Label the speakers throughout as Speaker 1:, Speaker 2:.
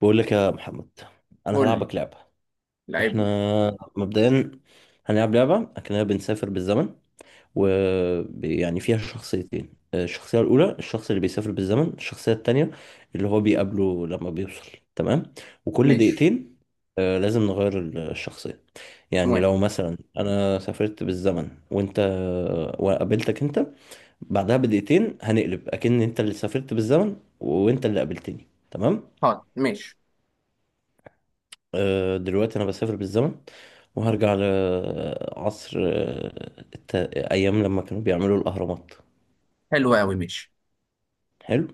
Speaker 1: بقول لك يا محمد، انا
Speaker 2: قول لي
Speaker 1: هلعبك لعبه.
Speaker 2: لعيب
Speaker 1: احنا
Speaker 2: لي.
Speaker 1: مبدئيا هنلعب لعبه اكننا بنسافر بالزمن، ويعني فيها شخصيتين. الشخصيه الاولى الشخص اللي بيسافر بالزمن، الشخصيه التانية اللي هو بيقابله لما بيوصل. تمام؟ وكل
Speaker 2: ماشي.
Speaker 1: دقيقتين لازم نغير الشخصيه. يعني
Speaker 2: موافق.
Speaker 1: لو مثلا انا سافرت بالزمن وانت وقابلتك انت، بعدها بدقيقتين هنقلب اكن انت اللي سافرت بالزمن وانت اللي قابلتني. تمام؟
Speaker 2: حاضر، ماشي.
Speaker 1: دلوقتي انا بسافر بالزمن وهرجع لعصر الت... ايام لما كانوا بيعملوا الاهرامات.
Speaker 2: حلو قوي، ماشي.
Speaker 1: حلو.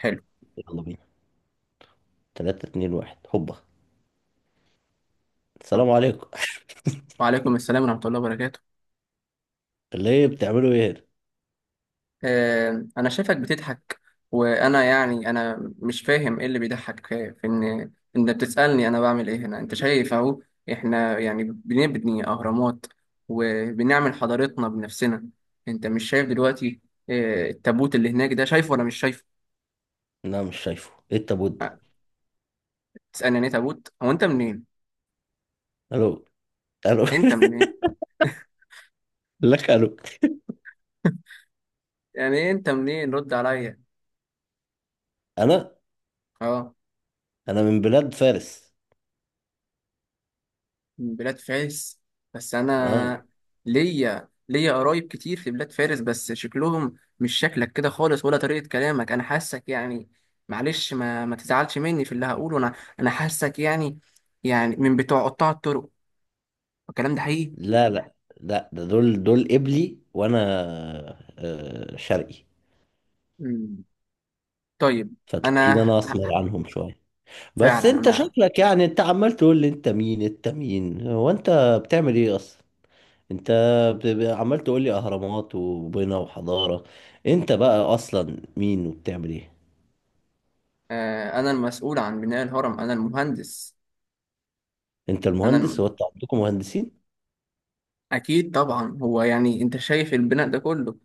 Speaker 2: حلو.
Speaker 1: يلا بينا. 3 2 1 هوبا.
Speaker 2: طيب.
Speaker 1: السلام عليكم.
Speaker 2: وعليكم السلام ورحمة الله وبركاته.
Speaker 1: ليه؟ بتعملوا ايه
Speaker 2: آه، أنا شايفك بتضحك. وأنا يعني أنا مش فاهم إيه اللي بيضحك في إن بتسألني أنا بعمل إيه هنا. أنت شايف أهو. إحنا يعني بنبني أهرامات وبنعمل حضارتنا بنفسنا. أنت مش شايف دلوقتي؟ آه التابوت اللي هناك ده، شايفه ولا مش شايفه؟
Speaker 1: هنا؟ لا، مش شايفه. ايه التابوت
Speaker 2: آه،
Speaker 1: ده؟
Speaker 2: تسألني يعني إيه تابوت؟ هو أنت منين؟
Speaker 1: الو؟ الو؟
Speaker 2: أنت منين؟
Speaker 1: لك الو.
Speaker 2: يعني إيه أنت منين؟ رد عليا.
Speaker 1: انا
Speaker 2: أه،
Speaker 1: انا من بلاد فارس.
Speaker 2: من بلاد فارس. بس
Speaker 1: اه.
Speaker 2: انا ليا قرايب كتير في بلاد فارس، بس شكلهم مش شكلك كده خالص ولا طريقة كلامك. انا حاسك يعني، معلش ما تزعلش مني في اللي هقوله انا، انا حاسك يعني، يعني من بتوع قطاع الطرق. الكلام ده حقيقي.
Speaker 1: لا لا لا، ده دول قبلي، وانا شرقي،
Speaker 2: مم. طيب، انا
Speaker 1: فتلاقيني انا اسمر
Speaker 2: ه-
Speaker 1: عنهم شويه. بس
Speaker 2: فعلا
Speaker 1: انت
Speaker 2: انا،
Speaker 1: شكلك يعني، انت عمال تقول لي انت مين انت مين، هو انت بتعمل ايه اصلا؟ انت عمال تقول لي اهرامات وبنا وحضارة، انت بقى اصلا مين وبتعمل ايه؟
Speaker 2: انا المسؤول عن بناء الهرم، انا المهندس.
Speaker 1: انت المهندس؟
Speaker 2: انا
Speaker 1: هو انتوا عندكم مهندسين؟
Speaker 2: أكيد طبعا، هو يعني أنت شايف البناء ده كله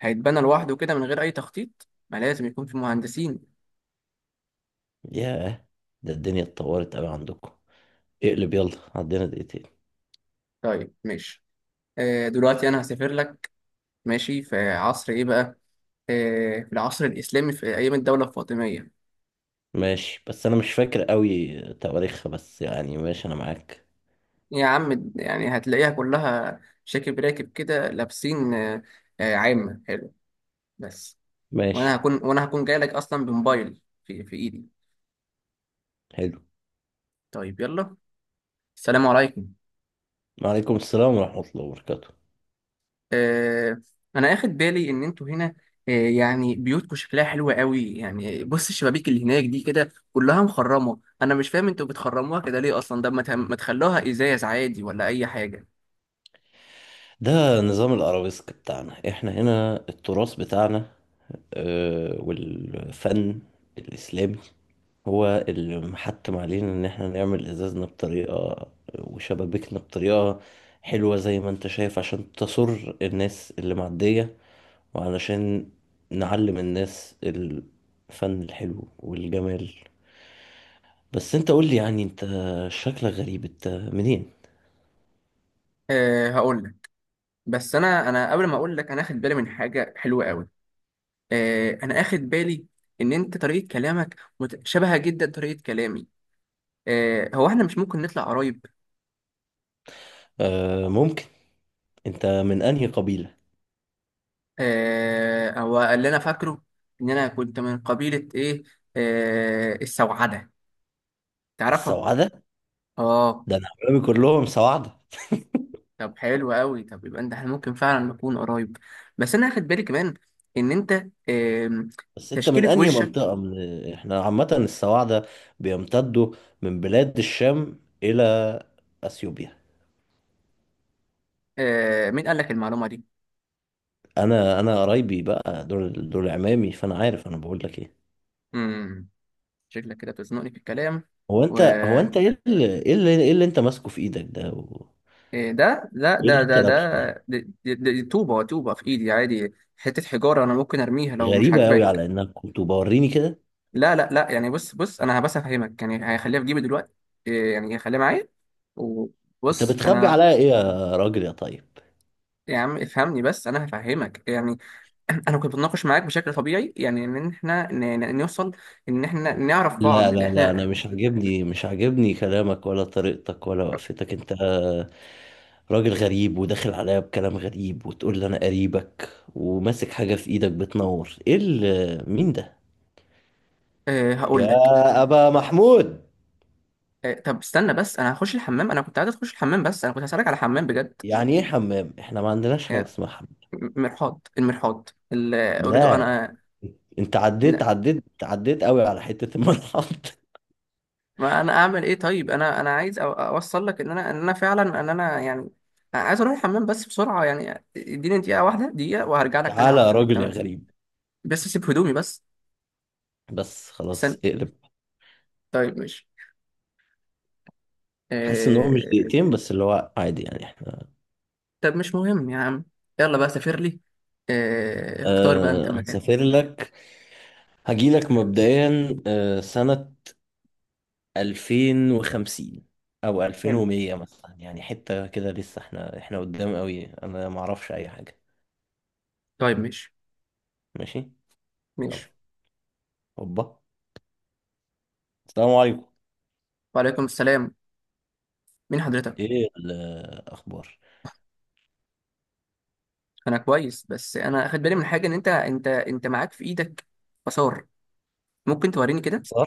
Speaker 2: هيتبنى لوحده كده من غير أي تخطيط؟ ما لازم يكون في مهندسين.
Speaker 1: ياه، ده الدنيا اتطورت قوي عندكم. اقلب، يلا، عندنا دقيقتين.
Speaker 2: طيب ماشي. آه دلوقتي أنا هسافر لك. ماشي، في عصر إيه بقى؟ آه، في العصر الإسلامي في أيام الدولة الفاطمية.
Speaker 1: ماشي، بس انا مش فاكر قوي تواريخها، بس يعني ماشي، انا معاك.
Speaker 2: يا عم يعني هتلاقيها كلها شاكب راكب كده لابسين آه، آه عامة حلو. بس وأنا
Speaker 1: ماشي.
Speaker 2: هكون، وأنا هكون جاي لك أصلا بموبايل في إيدي.
Speaker 1: حلو.
Speaker 2: طيب يلا، السلام عليكم.
Speaker 1: وعليكم السلام ورحمة الله وبركاته.
Speaker 2: آه، انا اخد بالي ان انتوا هنا. آه، يعني بيوتكم شكلها حلو قوي. يعني بص الشبابيك اللي هناك دي كده كلها مخرمه، انا مش فاهم انتوا بتخرموها كده ليه اصلا. ده ما تخلوها ازاز عادي ولا اي حاجه.
Speaker 1: ده نظام الأرابيسك بتاعنا احنا هنا، التراث بتاعنا والفن الإسلامي هو اللي محتم علينا إن احنا نعمل إزازنا بطريقة، وشبابيكنا بطريقة حلوة زي ما انت شايف، عشان تسر الناس اللي معدية، وعلشان نعلم الناس الفن الحلو والجمال. بس انت قول لي، يعني انت شكلك غريب، انت منين؟
Speaker 2: أه هقول لك، بس انا قبل ما اقول لك، انا اخد بالي من حاجه حلوه قوي. أه انا اخد بالي ان انت طريقه كلامك شبهه جدا طريقه كلامي. أه هو احنا مش ممكن نطلع قرايب؟
Speaker 1: آه ممكن. انت من انهي قبيلة؟
Speaker 2: آه، هو اللي انا فاكره ان انا كنت من قبيلة ايه، آه، السوعدة، تعرفها؟
Speaker 1: السوعدة؟
Speaker 2: اه.
Speaker 1: ده انا عمامي كلهم سوعدة.
Speaker 2: طب حلو قوي، طب يبقى انت احنا ممكن فعلا نكون قرايب. بس انا هاخد بالي كمان ان انت، آم،
Speaker 1: بس انت من
Speaker 2: تشكيلة
Speaker 1: انهي
Speaker 2: وشك.
Speaker 1: منطقة؟ من احنا عامة السواعدة بيمتدوا من بلاد الشام الى اثيوبيا.
Speaker 2: آه، مين قال لك المعلومة دي؟
Speaker 1: انا قرايبي بقى دول، دول عمامي، فانا عارف انا بقول لك ايه.
Speaker 2: امم شكلك كده بتزنقني في الكلام.
Speaker 1: هو
Speaker 2: و
Speaker 1: انت، إيه اللي انت ماسكه في ايدك ده
Speaker 2: إيه ده؟ لا
Speaker 1: ايه
Speaker 2: ده
Speaker 1: اللي انت
Speaker 2: ده
Speaker 1: لابسه ده؟
Speaker 2: ده دي طوبة في ايدي، عادي، حتة حجارة انا ممكن ارميها لو مش
Speaker 1: غريبة قوي،
Speaker 2: عاجباك.
Speaker 1: على انك كنت بوريني كده.
Speaker 2: لا لا لا، يعني بص بص انا بس افهمك، يعني هيخليها في جيبي دلوقتي. إيه يعني؟ هيخليها معايا.
Speaker 1: انت
Speaker 2: وبص
Speaker 1: بتخبي
Speaker 2: انا.
Speaker 1: عليا ايه يا راجل يا طيب؟
Speaker 2: يا عم افهمني بس انا هفهمك يعني. انا كنت بتناقش معاك بشكل طبيعي يعني ان احنا نوصل، ان احنا نعرف
Speaker 1: لا لا
Speaker 2: بعض
Speaker 1: لا، انا
Speaker 2: احنا.
Speaker 1: مش عاجبني، كلامك ولا طريقتك ولا وقفتك. انت راجل غريب وداخل عليا بكلام غريب، وتقول لي انا قريبك، وماسك حاجة في ايدك بتنور. ايه مين ده
Speaker 2: أه هقول لك.
Speaker 1: يا ابا محمود؟
Speaker 2: أه طب استنى، بس انا هخش الحمام، انا كنت عايز اخش الحمام، بس انا كنت هسألك على حمام بجد.
Speaker 1: يعني ايه حمام؟ احنا ما عندناش حاجة
Speaker 2: يعني
Speaker 1: اسمها حمام.
Speaker 2: مرحاض، المرحاض، ال- اريد
Speaker 1: لا،
Speaker 2: انا.
Speaker 1: انت عديت عديت عديت قوي على حتة الملحق.
Speaker 2: ما انا اعمل ايه طيب؟ انا عايز اوصل لك ان انا ان انا فعلا ان انا يعني عايز اروح الحمام بس بسرعه، يعني اديني دقيقه واحده، دقيقه وهرجع لك تاني
Speaker 1: تعالى
Speaker 2: على
Speaker 1: يا
Speaker 2: طول،
Speaker 1: راجل يا
Speaker 2: تمام.
Speaker 1: غريب.
Speaker 2: بس اسيب هدومي بس.
Speaker 1: بس خلاص،
Speaker 2: استنى.
Speaker 1: اقلب.
Speaker 2: طيب ماشي.
Speaker 1: حاسس ان هو مش
Speaker 2: آه...
Speaker 1: دقيقتين، بس اللي هو عادي، يعني احنا.
Speaker 2: طب مش مهم يا عم، يلا بقى سافر لي. آه... اختار بقى انت
Speaker 1: أه
Speaker 2: مكان.
Speaker 1: هسافر لك. هجيلك مبدئيا سنة 2050 أو
Speaker 2: حلو.
Speaker 1: 2100 مثلا، يعني حتة كده لسه، احنا قدام قوي، أنا معرفش أي حاجة.
Speaker 2: طيب ماشي.
Speaker 1: ماشي. يلا.
Speaker 2: ماشي.
Speaker 1: هوبا. السلام عليكم.
Speaker 2: وعليكم السلام. مين حضرتك؟
Speaker 1: إيه الأخبار؟
Speaker 2: انا كويس، بس انا اخد بالي من حاجه ان انت معاك في ايدك آثار. ممكن توريني كده؟
Speaker 1: صار.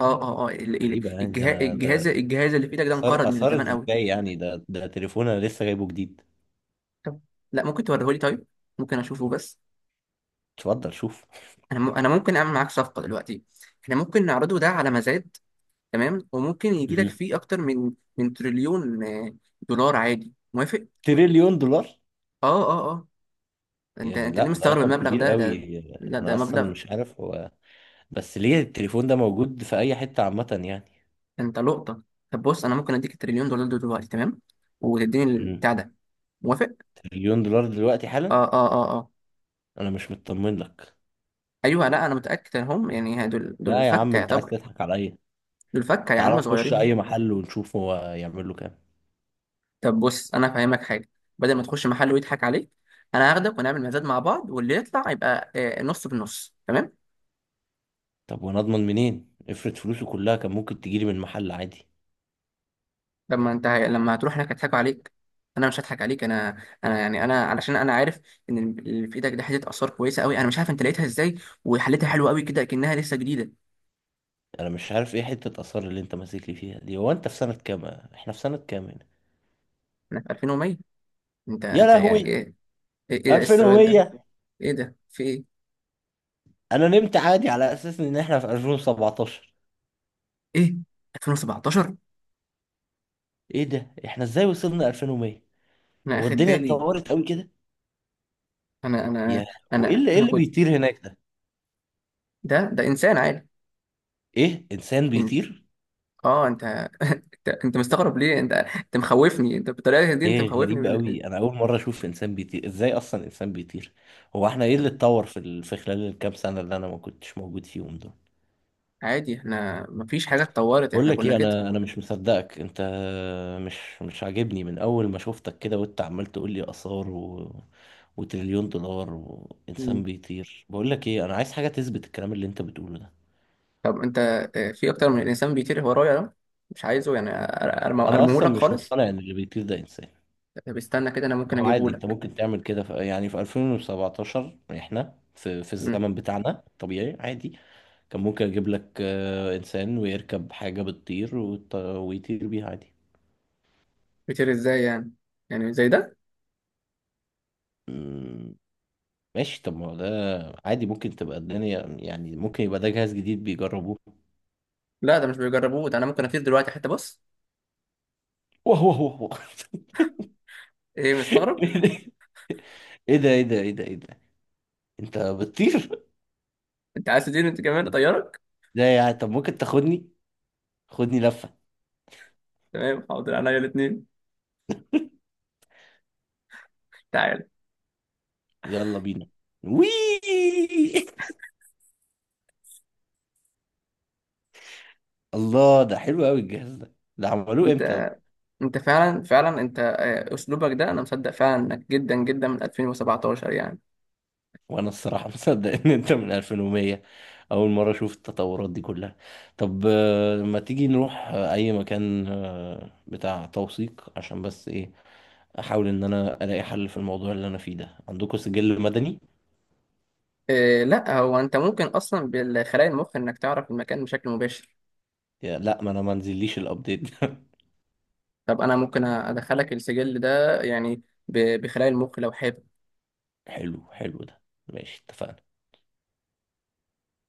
Speaker 2: اه اه اه ال- ال-
Speaker 1: غريبة يعني، ده
Speaker 2: الجهاز
Speaker 1: أنا
Speaker 2: الجهاز
Speaker 1: ده
Speaker 2: الجهاز اللي في ايدك ده
Speaker 1: أثار؟
Speaker 2: انقرض من
Speaker 1: أثار
Speaker 2: زمان
Speaker 1: إزاي
Speaker 2: قوي.
Speaker 1: يعني؟ ده تليفون، أنا لسه جايبه جديد.
Speaker 2: طب لا، ممكن توريهولي طيب، ممكن اشوفه بس.
Speaker 1: اتفضل شوف.
Speaker 2: انا ممكن اعمل معاك صفقه دلوقتي. احنا ممكن نعرضه ده على مزاد، تمام، وممكن يجي لك
Speaker 1: مم.
Speaker 2: فيه اكتر من من تريليون آه، دولار عادي. موافق؟
Speaker 1: تريليون دولار؟
Speaker 2: اه اه اه. انت
Speaker 1: يا
Speaker 2: انت ليه
Speaker 1: لا، ده
Speaker 2: مستغرب
Speaker 1: رقم
Speaker 2: المبلغ
Speaker 1: كبير
Speaker 2: ده؟
Speaker 1: قوي.
Speaker 2: لا
Speaker 1: انا
Speaker 2: ده
Speaker 1: اصلا
Speaker 2: مبلغ.
Speaker 1: مش عارف هو، بس ليه التليفون ده موجود في اي حتة عامة يعني؟
Speaker 2: انت لقطه. طب بص، انا ممكن اديك التريليون دولار دول دلوقتي، تمام، وتديني
Speaker 1: مم.
Speaker 2: البتاع ده. موافق؟
Speaker 1: تريليون دولار دلوقتي حالا؟
Speaker 2: اه اه اه اه.
Speaker 1: انا مش مطمن لك.
Speaker 2: ايوه لا، انا متاكد انهم يعني دول
Speaker 1: لا يا
Speaker 2: الفكه
Speaker 1: عم، انت عايز
Speaker 2: يعتبر.
Speaker 1: تضحك على ايه؟
Speaker 2: دول فكة يا
Speaker 1: تعال
Speaker 2: عم،
Speaker 1: نخش
Speaker 2: صغيرين.
Speaker 1: اي محل ونشوف هو يعمل له كام.
Speaker 2: طب بص انا فاهمك حاجه، بدل ما تخش محل ويضحك عليك، انا هاخدك ونعمل مزاد مع بعض، واللي يطلع يبقى آه، نص بالنص، تمام.
Speaker 1: طب وانا اضمن منين؟ افرض فلوسه كلها كان ممكن تجيلي من محل عادي.
Speaker 2: لما انت لما هتروح هناك هيضحكوا عليك، انا مش هضحك عليك. انا، انا يعني انا علشان انا عارف ان اللي في ايدك ده حته اثار كويسه قوي، انا مش عارف انت لقيتها ازاي، وحلتها حلو قوي كده كانها لسه جديده.
Speaker 1: انا مش عارف ايه حتة اثار اللي انت ماسك لي فيها دي؟ هو انت في سنة كام؟ احنا في سنة كام هنا؟
Speaker 2: انا في 2100. انت
Speaker 1: يا
Speaker 2: انت يعني
Speaker 1: لهوي،
Speaker 2: ايه؟ ايه؟ إيه ده؟ إيه السؤال ده؟
Speaker 1: 2100؟
Speaker 2: ايه ده في ايه؟
Speaker 1: انا نمت عادي على اساس ان احنا في 2017.
Speaker 2: ايه، 2017؟
Speaker 1: ايه ده؟ احنا ازاي وصلنا 2100؟
Speaker 2: انا
Speaker 1: هو
Speaker 2: اخد
Speaker 1: الدنيا
Speaker 2: بالي.
Speaker 1: اتطورت قوي كده؟
Speaker 2: انا انا
Speaker 1: يا، وايه
Speaker 2: انا
Speaker 1: اللي ايه
Speaker 2: انا
Speaker 1: اللي
Speaker 2: كنت.
Speaker 1: بيطير هناك ده؟
Speaker 2: ده انسان عادي.
Speaker 1: ايه، انسان بيطير؟
Speaker 2: اه انت، انت مستغرب ليه؟ انت مخوفني، انت بالطريقه دي انت
Speaker 1: ايه
Speaker 2: مخوفني
Speaker 1: غريب
Speaker 2: من...
Speaker 1: قوي، انا اول مره اشوف انسان بيطير. ازاي اصلا انسان بيطير؟ هو احنا ايه
Speaker 2: طب
Speaker 1: اللي اتطور في خلال الكام سنه اللي انا ما كنتش موجود فيهم دول؟
Speaker 2: عادي، احنا مفيش حاجه اتطورت،
Speaker 1: بقول
Speaker 2: احنا
Speaker 1: لك
Speaker 2: كنا
Speaker 1: ايه،
Speaker 2: كده.
Speaker 1: انا مش مصدقك. انت مش عاجبني من اول ما شفتك كده، وانت عمال تقول لي اثار وتريليون دولار وانسان
Speaker 2: مم.
Speaker 1: بيطير. بقول لك ايه، انا عايز حاجه تثبت الكلام اللي انت بتقوله ده.
Speaker 2: طب انت آه، في اكتر من انسان بيطير ورايا ده، مش عايزه يعني،
Speaker 1: انا
Speaker 2: ارميه
Speaker 1: اصلا
Speaker 2: لك
Speaker 1: مش
Speaker 2: خالص.
Speaker 1: مقتنع ان اللي بيطير ده انسان.
Speaker 2: طب استنى كده، انا ممكن
Speaker 1: ما هو
Speaker 2: اجيبه
Speaker 1: عادي انت
Speaker 2: لك.
Speaker 1: ممكن تعمل كده يعني في 2017 احنا في الزمن بتاعنا طبيعي عادي، كان ممكن اجيب لك انسان ويركب حاجة بتطير ويطير بيها عادي.
Speaker 2: بيطير ازاي يعني؟ يعني زي ده.
Speaker 1: مم، ماشي، طب ما هو ده عادي، ممكن تبقى الدنيا، يعني ممكن يبقى ده جهاز جديد بيجربوه.
Speaker 2: لا ده مش بيجربوه، ده انا ممكن اطير دلوقتي حتى بص.
Speaker 1: واه واه واه واه.
Speaker 2: ايه مستغرب؟
Speaker 1: ايه ده ايه ده ايه ده ايه ده، انت بتطير؟
Speaker 2: انت عايز تطير انت كمان؟ اطيرك.
Speaker 1: ده يعني، طب ممكن تاخدني؟ خدني لفة.
Speaker 2: تمام حاضر، انا الاثنين. تعال.
Speaker 1: يلا بينا. وي. الله، ده حلو قوي الجهاز ده، ده عملوه
Speaker 2: انت
Speaker 1: امتى؟
Speaker 2: انت فعلا فعلا انت آه، اسلوبك ده انا مصدق فعلا انك جدا جدا من 2017 يعني.
Speaker 1: وانا الصراحة مصدق ان انت من 2100، اول مرة اشوف التطورات دي كلها. طب ما تيجي نروح اي مكان بتاع توثيق، عشان بس ايه، احاول ان انا الاقي حل في الموضوع اللي انا فيه ده. عندكم سجل مدني؟
Speaker 2: إيه، لا هو انت ممكن اصلا بالخلايا المخ انك تعرف المكان بشكل مباشر.
Speaker 1: يا لا، ما انا ما نزليش الابديت ده.
Speaker 2: طب انا ممكن ادخلك السجل ده يعني بخلايا المخ لو حابب.
Speaker 1: حلو، حلو ده. ماشي، اتفقنا.